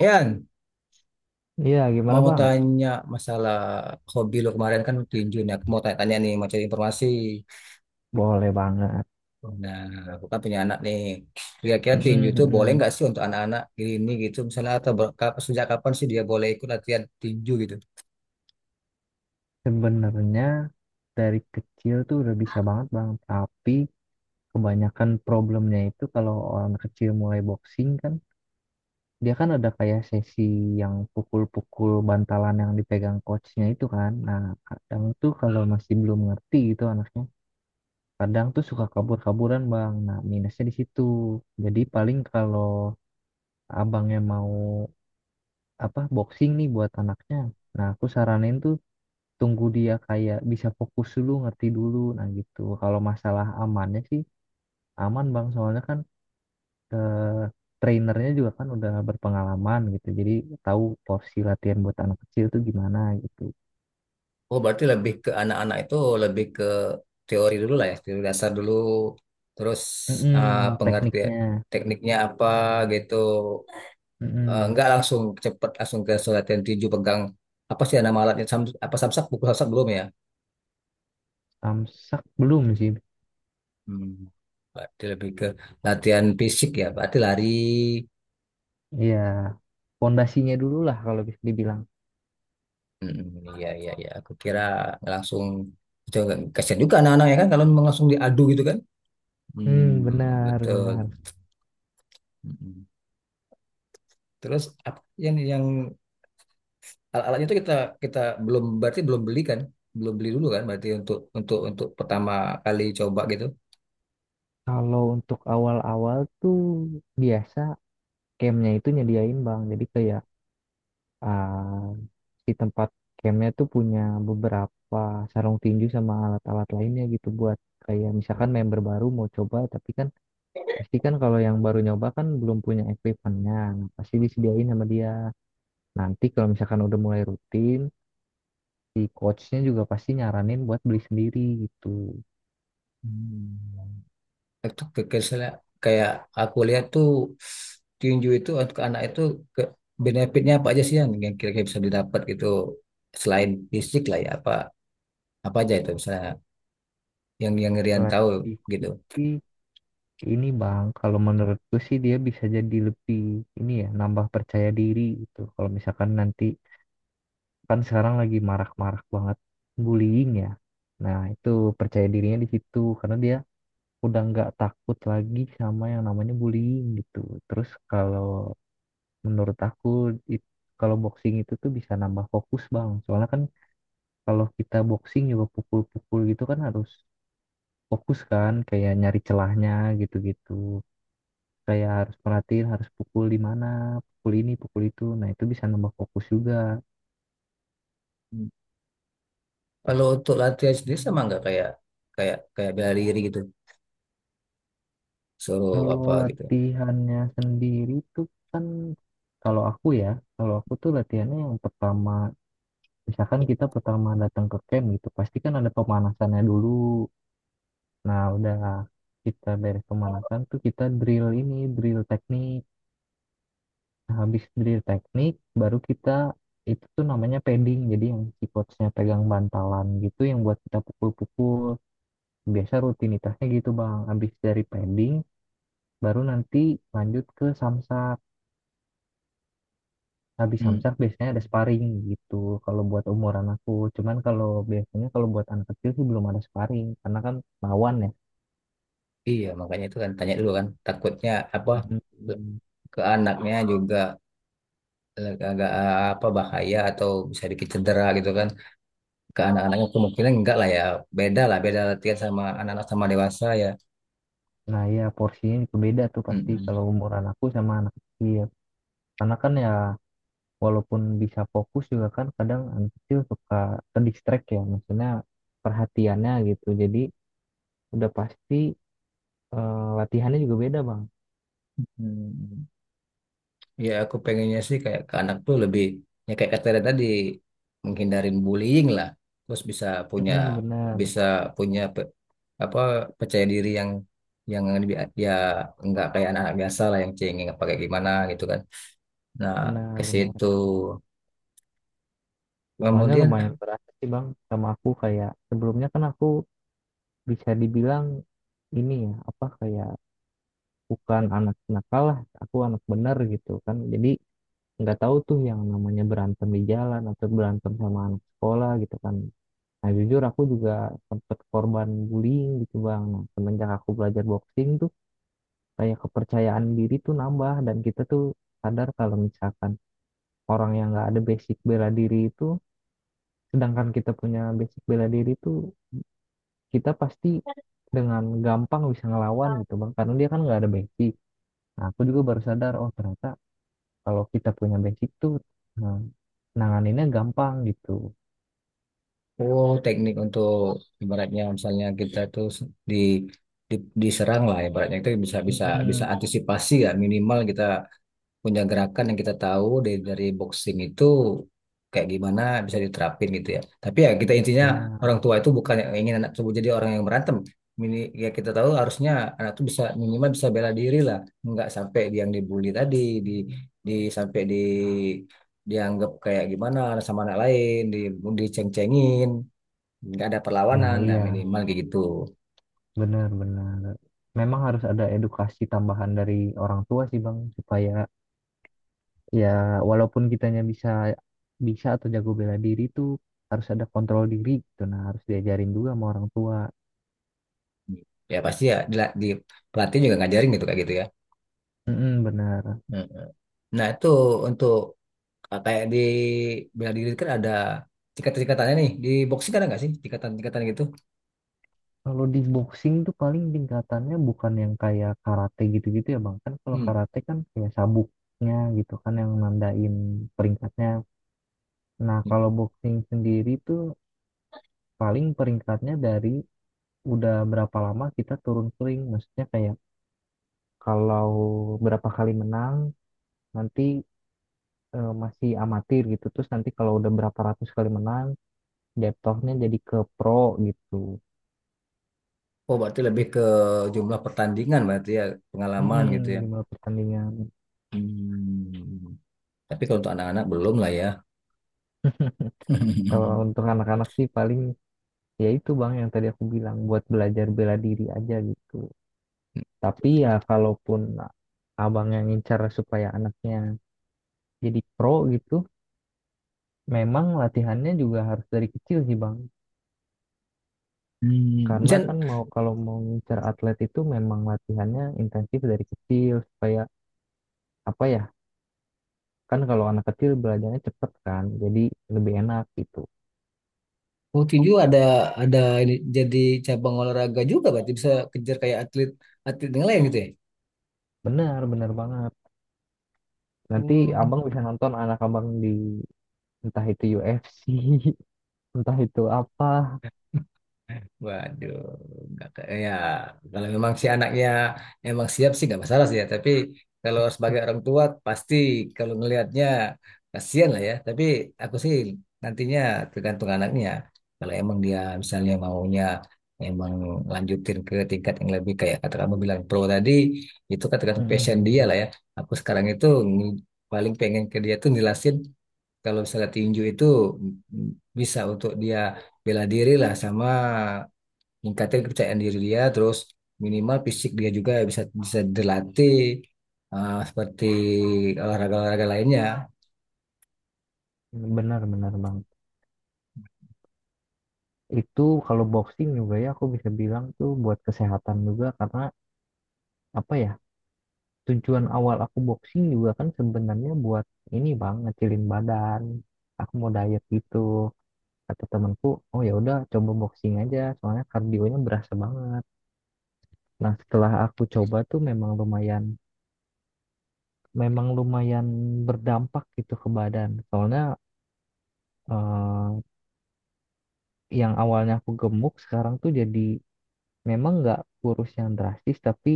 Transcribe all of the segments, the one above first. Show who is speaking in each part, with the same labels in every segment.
Speaker 1: Yan,
Speaker 2: Iya, gimana
Speaker 1: mau
Speaker 2: Bang?
Speaker 1: tanya masalah hobi lo kemarin kan tinju nih. Aku mau tanya-tanya nih, mau cari informasi.
Speaker 2: Boleh banget.
Speaker 1: Nah, aku kan punya anak nih. Kira-kira tinju
Speaker 2: Mm-mm,
Speaker 1: itu boleh
Speaker 2: mm-mm.
Speaker 1: nggak sih untuk anak-anak gini gitu? Misalnya atau sejak kapan sih dia boleh ikut latihan tinju gitu?
Speaker 2: Sebenarnya dari kecil tuh udah bisa banget Bang, tapi kebanyakan problemnya itu kalau orang kecil mulai boxing kan, dia kan ada kayak sesi yang pukul-pukul bantalan yang dipegang coachnya itu kan. Nah, kadang tuh kalau masih belum ngerti gitu anaknya, kadang tuh suka kabur-kaburan Bang. Nah, minusnya di situ. Jadi paling kalau abangnya mau apa boxing nih buat anaknya, nah, aku saranin tuh tunggu dia kayak bisa fokus dulu ngerti dulu nah gitu. Kalau masalah amannya sih aman bang, soalnya kan eh, trainernya juga kan udah berpengalaman gitu, jadi tahu porsi latihan buat anak kecil tuh gimana gitu.
Speaker 1: Oh, berarti lebih ke anak-anak itu lebih ke teori dulu lah ya, teori dasar dulu. Terus
Speaker 2: Mm-mm,
Speaker 1: pengertian
Speaker 2: tekniknya.
Speaker 1: tekniknya apa gitu.
Speaker 2: Mm-mm.
Speaker 1: Nggak langsung cepet langsung ke latihan tinju pegang apa sih nama alatnya Sam, apa samsak pukul samsak belum ya.
Speaker 2: Samsak belum sih.
Speaker 1: Hmm. Berarti lebih ke latihan fisik ya, berarti lari.
Speaker 2: Ya pondasinya dulu lah kalau bisa dibilang.
Speaker 1: Hmm, iya iya iya. Aku kira langsung itu agak kasihan juga anak-anak ya kan kalau memang langsung diadu gitu kan. Hmm,
Speaker 2: Hmm, benar,
Speaker 1: betul.
Speaker 2: benar.
Speaker 1: Mm-mm. Terus apa yang alat-alatnya itu kita kita belum berarti belum beli kan? Belum beli dulu kan berarti untuk untuk pertama kali coba gitu.
Speaker 2: Kalau untuk awal-awal tuh biasa campnya itu nyediain bang. Jadi kayak Ah, si tempat campnya tuh punya beberapa sarung tinju sama alat-alat lainnya gitu buat kayak misalkan member baru mau coba, tapi kan pasti kan kalau yang baru nyoba kan belum punya equipmentnya. Nah, pasti disediain sama dia. Nanti kalau misalkan udah mulai rutin, si coachnya juga pasti nyaranin buat beli sendiri gitu.
Speaker 1: Hmm. itu ke- kesel- Kayak aku lihat tuh tinju itu untuk anak itu ke benefitnya apa aja sih yang kira-kira bisa didapat gitu selain fisik lah ya apa apa aja itu misalnya yang Rian
Speaker 2: Selain
Speaker 1: tahu gitu.
Speaker 2: fisik sih, ini bang kalau menurutku sih dia bisa jadi lebih ini ya, nambah percaya diri gitu. Kalau misalkan nanti kan sekarang lagi marak-marak banget bullying ya. Nah, itu percaya dirinya di situ karena dia udah nggak takut lagi sama yang namanya bullying gitu. Terus kalau menurut aku it- kalau boxing itu tuh bisa nambah fokus bang. Soalnya kan kalau kita boxing juga pukul-pukul gitu kan harus fokus kan, kayak nyari celahnya gitu-gitu. Kayak harus perhatiin, harus pukul di mana, pukul ini, pukul itu. Nah, itu bisa nambah fokus juga.
Speaker 1: Hmm. Kalau untuk latihan sendiri sama nggak kayak kayak kayak bela diri gitu suruh
Speaker 2: Kalau
Speaker 1: apa gitu.
Speaker 2: latihannya sendiri tuh kan, kalau aku ya, kalau aku tuh latihannya yang pertama, misalkan kita pertama datang ke camp gitu, pasti kan ada pemanasannya dulu. Nah, udah kita beres pemanasan tuh kita drill ini, drill teknik. Nah, habis drill teknik baru kita itu tuh namanya padding, jadi yang si coachnya pegang bantalan gitu yang buat kita pukul-pukul. Biasa rutinitasnya gitu, Bang. Habis dari padding baru nanti lanjut ke samsat. Habis
Speaker 1: Hmm.
Speaker 2: samsak biasanya ada sparring gitu kalau buat umuran aku. Cuman kalau biasanya kalau buat anak kecil sih belum ada sparring, karena kan lawan ya.
Speaker 1: Iya makanya itu kan tanya dulu kan takutnya apa
Speaker 2: Hmm.
Speaker 1: ke anaknya juga agak apa bahaya atau bisa dikit cedera gitu kan. Ke anak-anaknya kemungkinan enggak lah ya, beda lah beda latihan sama anak-anak sama dewasa ya.
Speaker 2: Nah ya porsinya juga beda tuh pasti
Speaker 1: Mm-mm.
Speaker 2: kalau umuran aku sama anak kecil, karena kan ya walaupun bisa fokus juga kan kadang anak kecil suka ke distract, ya maksudnya perhatiannya gitu. Jadi udah pasti eh, latihannya juga beda bang.
Speaker 1: Mm. Ya aku pengennya sih kayak ke anak tuh lebih ya kayak kata Dada tadi, menghindarin bullying lah, terus punya
Speaker 2: Mm-mm, benar
Speaker 1: bisa punya pe- apa percaya diri yang lebih ya enggak kayak anak-anak biasa lah yang cengeng apa kayak gimana gitu kan. Nah, ke
Speaker 2: benar benar.
Speaker 1: situ
Speaker 2: Soalnya
Speaker 1: kemudian.
Speaker 2: lumayan berasa sih bang sama aku. Kayak sebelumnya kan aku bisa dibilang ini ya apa kayak bukan anak nakal lah, aku anak bener gitu kan. Jadi nggak tahu tuh yang namanya berantem di jalan atau berantem sama anak sekolah gitu kan. Nah jujur aku juga sempet korban bullying gitu bang. Nah semenjak aku belajar boxing tuh kayak kepercayaan diri tuh nambah. Dan kita tuh sadar kalau misalkan orang yang nggak ada basic bela diri itu, sedangkan kita punya basic bela diri itu, kita pasti dengan gampang bisa ngelawan gitu bang, karena dia kan nggak ada basic. Nah aku juga baru sadar oh ternyata kalau kita punya basic tuh, nah, nanganinnya gampang gitu.
Speaker 1: Oh, teknik untuk ibaratnya misalnya kita tuh di, di diserang lah ibaratnya itu bisa bisa bisa
Speaker 2: Mm-mm,
Speaker 1: antisipasi ya minimal kita punya gerakan yang kita tahu dari boxing itu kayak gimana bisa diterapin gitu ya. Tapi ya kita intinya
Speaker 2: benar.
Speaker 1: orang tua itu bukan yang ingin anak tersebut jadi orang yang berantem. Mini, Ya kita tahu harusnya anak tuh bisa minimal bisa bela diri lah, nggak sampai dia yang dibully tadi di di sampai dianggap kayak gimana sama anak lain, diceng-cengin nggak ada
Speaker 2: Nah
Speaker 1: perlawanan, nah
Speaker 2: iya,
Speaker 1: minimal kayak gitu.
Speaker 2: benar benar. Memang harus ada edukasi tambahan dari orang tua sih bang, supaya ya walaupun kitanya bisa, bisa atau jago bela diri tuh, harus ada kontrol diri gitu. Nah harus diajarin juga sama orang tua.
Speaker 1: Ya pasti ya di pelatih juga ngajarin gitu kayak gitu ya.
Speaker 2: Mm-mm, benar.
Speaker 1: Mm. Nah itu untuk kayak di bela diri kan ada tingkatan-tingkatannya nih, di boxing kan ada nggak sih tingkatan-tingkatan gitu.
Speaker 2: Kalau di boxing tuh paling tingkatannya bukan yang kayak karate gitu-gitu ya Bang. Kan kalau
Speaker 1: Hmm.
Speaker 2: karate kan kayak sabuknya gitu kan yang nandain peringkatnya. Nah, kalau boxing sendiri tuh paling peringkatnya dari udah berapa lama kita turun sering. Maksudnya kayak kalau berapa kali menang nanti masih amatir gitu. Terus nanti kalau udah berapa ratus kali menang jatuhnya jadi ke pro gitu.
Speaker 1: Oh, berarti lebih ke jumlah pertandingan berarti ya, pengalaman
Speaker 2: Mm-mm,
Speaker 1: gitu ya.
Speaker 2: di mulai pertandingan.
Speaker 1: Hmm. Tapi kalau untuk anak-anak belum lah ya.
Speaker 2: Kalau untuk anak-anak sih paling ya itu bang yang tadi aku bilang buat belajar bela diri aja gitu. Tapi ya kalaupun abang yang ngincar supaya anaknya jadi pro gitu, memang latihannya juga harus dari kecil sih bang.
Speaker 1: Hmm,
Speaker 2: Karena kan
Speaker 1: Jan,
Speaker 2: mau, kalau mau ngincar atlet itu memang latihannya intensif dari kecil supaya apa ya, kan kalau anak kecil belajarnya cepet kan, jadi lebih enak gitu.
Speaker 1: waktu tinju ada ini jadi cabang olahraga juga berarti bisa kejar kayak atlet atlet yang lain gitu ya.
Speaker 2: Benar benar banget. Nanti
Speaker 1: Hmm.
Speaker 2: abang bisa nonton anak abang di entah itu UFC, entah itu apa.
Speaker 1: Waduh, nggak ke- ya kalau memang si anaknya emang siap sih nggak masalah sih ya. Tapi kalau sebagai orang tua pasti kalau ngelihatnya kasihan lah ya. Tapi aku sih nantinya tergantung anaknya ya. Kalau emang dia misalnya maunya emang lanjutin ke tingkat yang lebih kayak kata kamu bilang pro tadi, itu kan tergantung passion dia
Speaker 2: Mm-mm.
Speaker 1: lah ya. Aku sekarang itu ng- paling pengen ke dia tuh ngelasin kalau misalnya tinju itu mm, bisa untuk dia bela diri lah, sama meningkatkan kepercayaan diri dia, terus minimal fisik dia juga bisa bisa dilatih seperti olahraga-olahraga lainnya.
Speaker 2: Benar, benar bang. Itu kalau boxing juga ya aku bisa bilang tuh buat kesehatan juga. Karena apa ya, tujuan awal aku boxing juga kan sebenarnya buat ini bang, ngecilin badan. Aku mau diet gitu. Kata temanku, oh ya udah coba boxing aja, soalnya kardionya berasa banget. Nah setelah aku coba tuh memang lumayan berdampak gitu ke badan. Soalnya eh, yang awalnya aku gemuk sekarang tuh jadi, memang nggak kurus yang drastis, tapi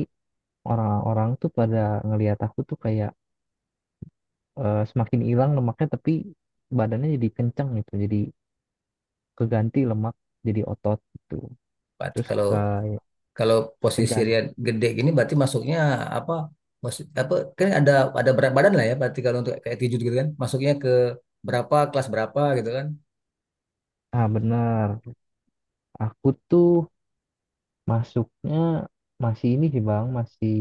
Speaker 2: orang-orang tuh pada ngelihat aku tuh kayak semakin hilang lemaknya, tapi badannya jadi kenceng gitu. Jadi keganti lemak jadi otot gitu.
Speaker 1: Berarti
Speaker 2: Terus
Speaker 1: kalau
Speaker 2: kayak
Speaker 1: kalau posisi dia
Speaker 2: keganti.
Speaker 1: gede gini berarti masuknya apa? Posi- apa Kan ada berat badan lah ya, berarti kalau untuk kayak tinju gitu kan masuknya ke berapa kelas berapa gitu kan.
Speaker 2: Ah bener, aku tuh masuknya masih ini sih bang, masih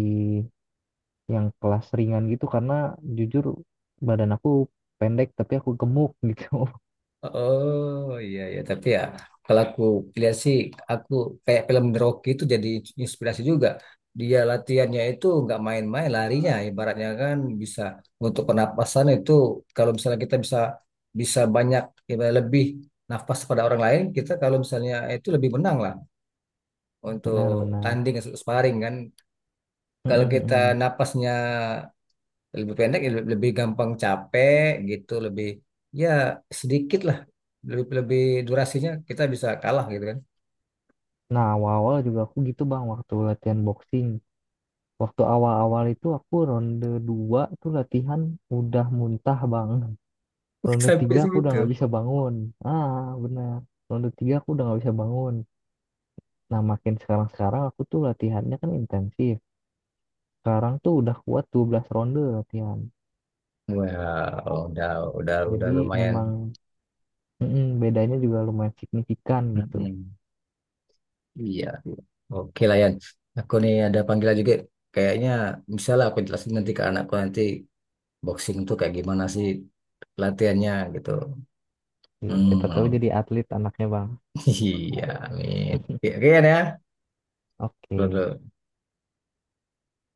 Speaker 2: yang kelas ringan gitu karena jujur badan aku pendek tapi aku gemuk gitu.
Speaker 1: Oh iya ya, tapi ya kalau aku lihat sih, aku kayak film The Rocky itu jadi inspirasi juga. Dia latihannya itu nggak main-main larinya, ibaratnya kan bisa untuk pernapasan itu kalau misalnya kita bisa bisa banyak ibarat lebih nafas pada orang lain, kita kalau misalnya itu lebih menang lah untuk
Speaker 2: Benar-benar.
Speaker 1: tanding sparring kan.
Speaker 2: Mm,
Speaker 1: Kalau
Speaker 2: mm,
Speaker 1: kita
Speaker 2: mm.
Speaker 1: napasnya lebih pendek ya lebih gampang capek gitu, lebih ya sedikit lah, lebih lebih durasinya kita bisa kalah gitu kan.
Speaker 2: Nah, awal-awal juga aku gitu bang waktu latihan boxing. Waktu awal-awal itu aku ronde 2 tuh latihan udah muntah banget. Ronde 3
Speaker 1: Sampai
Speaker 2: aku udah
Speaker 1: segitu.
Speaker 2: nggak bisa bangun. Ah, benar. Ronde 3 aku udah nggak bisa bangun. Nah, makin sekarang-sekarang aku tuh latihannya kan intensif. Sekarang tuh udah kuat 12 ronde latihan.
Speaker 1: Wow, udah udah
Speaker 2: Jadi
Speaker 1: lumayan.
Speaker 2: memang mm-mm, bedanya juga lumayan signifikan gitu.
Speaker 1: Mm-mm. Iya, oke lah Yan, aku nih ada panggilan juga kayaknya. Misalnya aku jelasin nanti ke anakku nanti boxing tuh kayak gimana sih latihannya gitu.
Speaker 2: Iya, siapa tahu
Speaker 1: Hmm.
Speaker 2: jadi atlet anaknya, Bang.
Speaker 1: Iya, amin. Oke, oke Yan ya,
Speaker 2: Oke.
Speaker 1: dulu.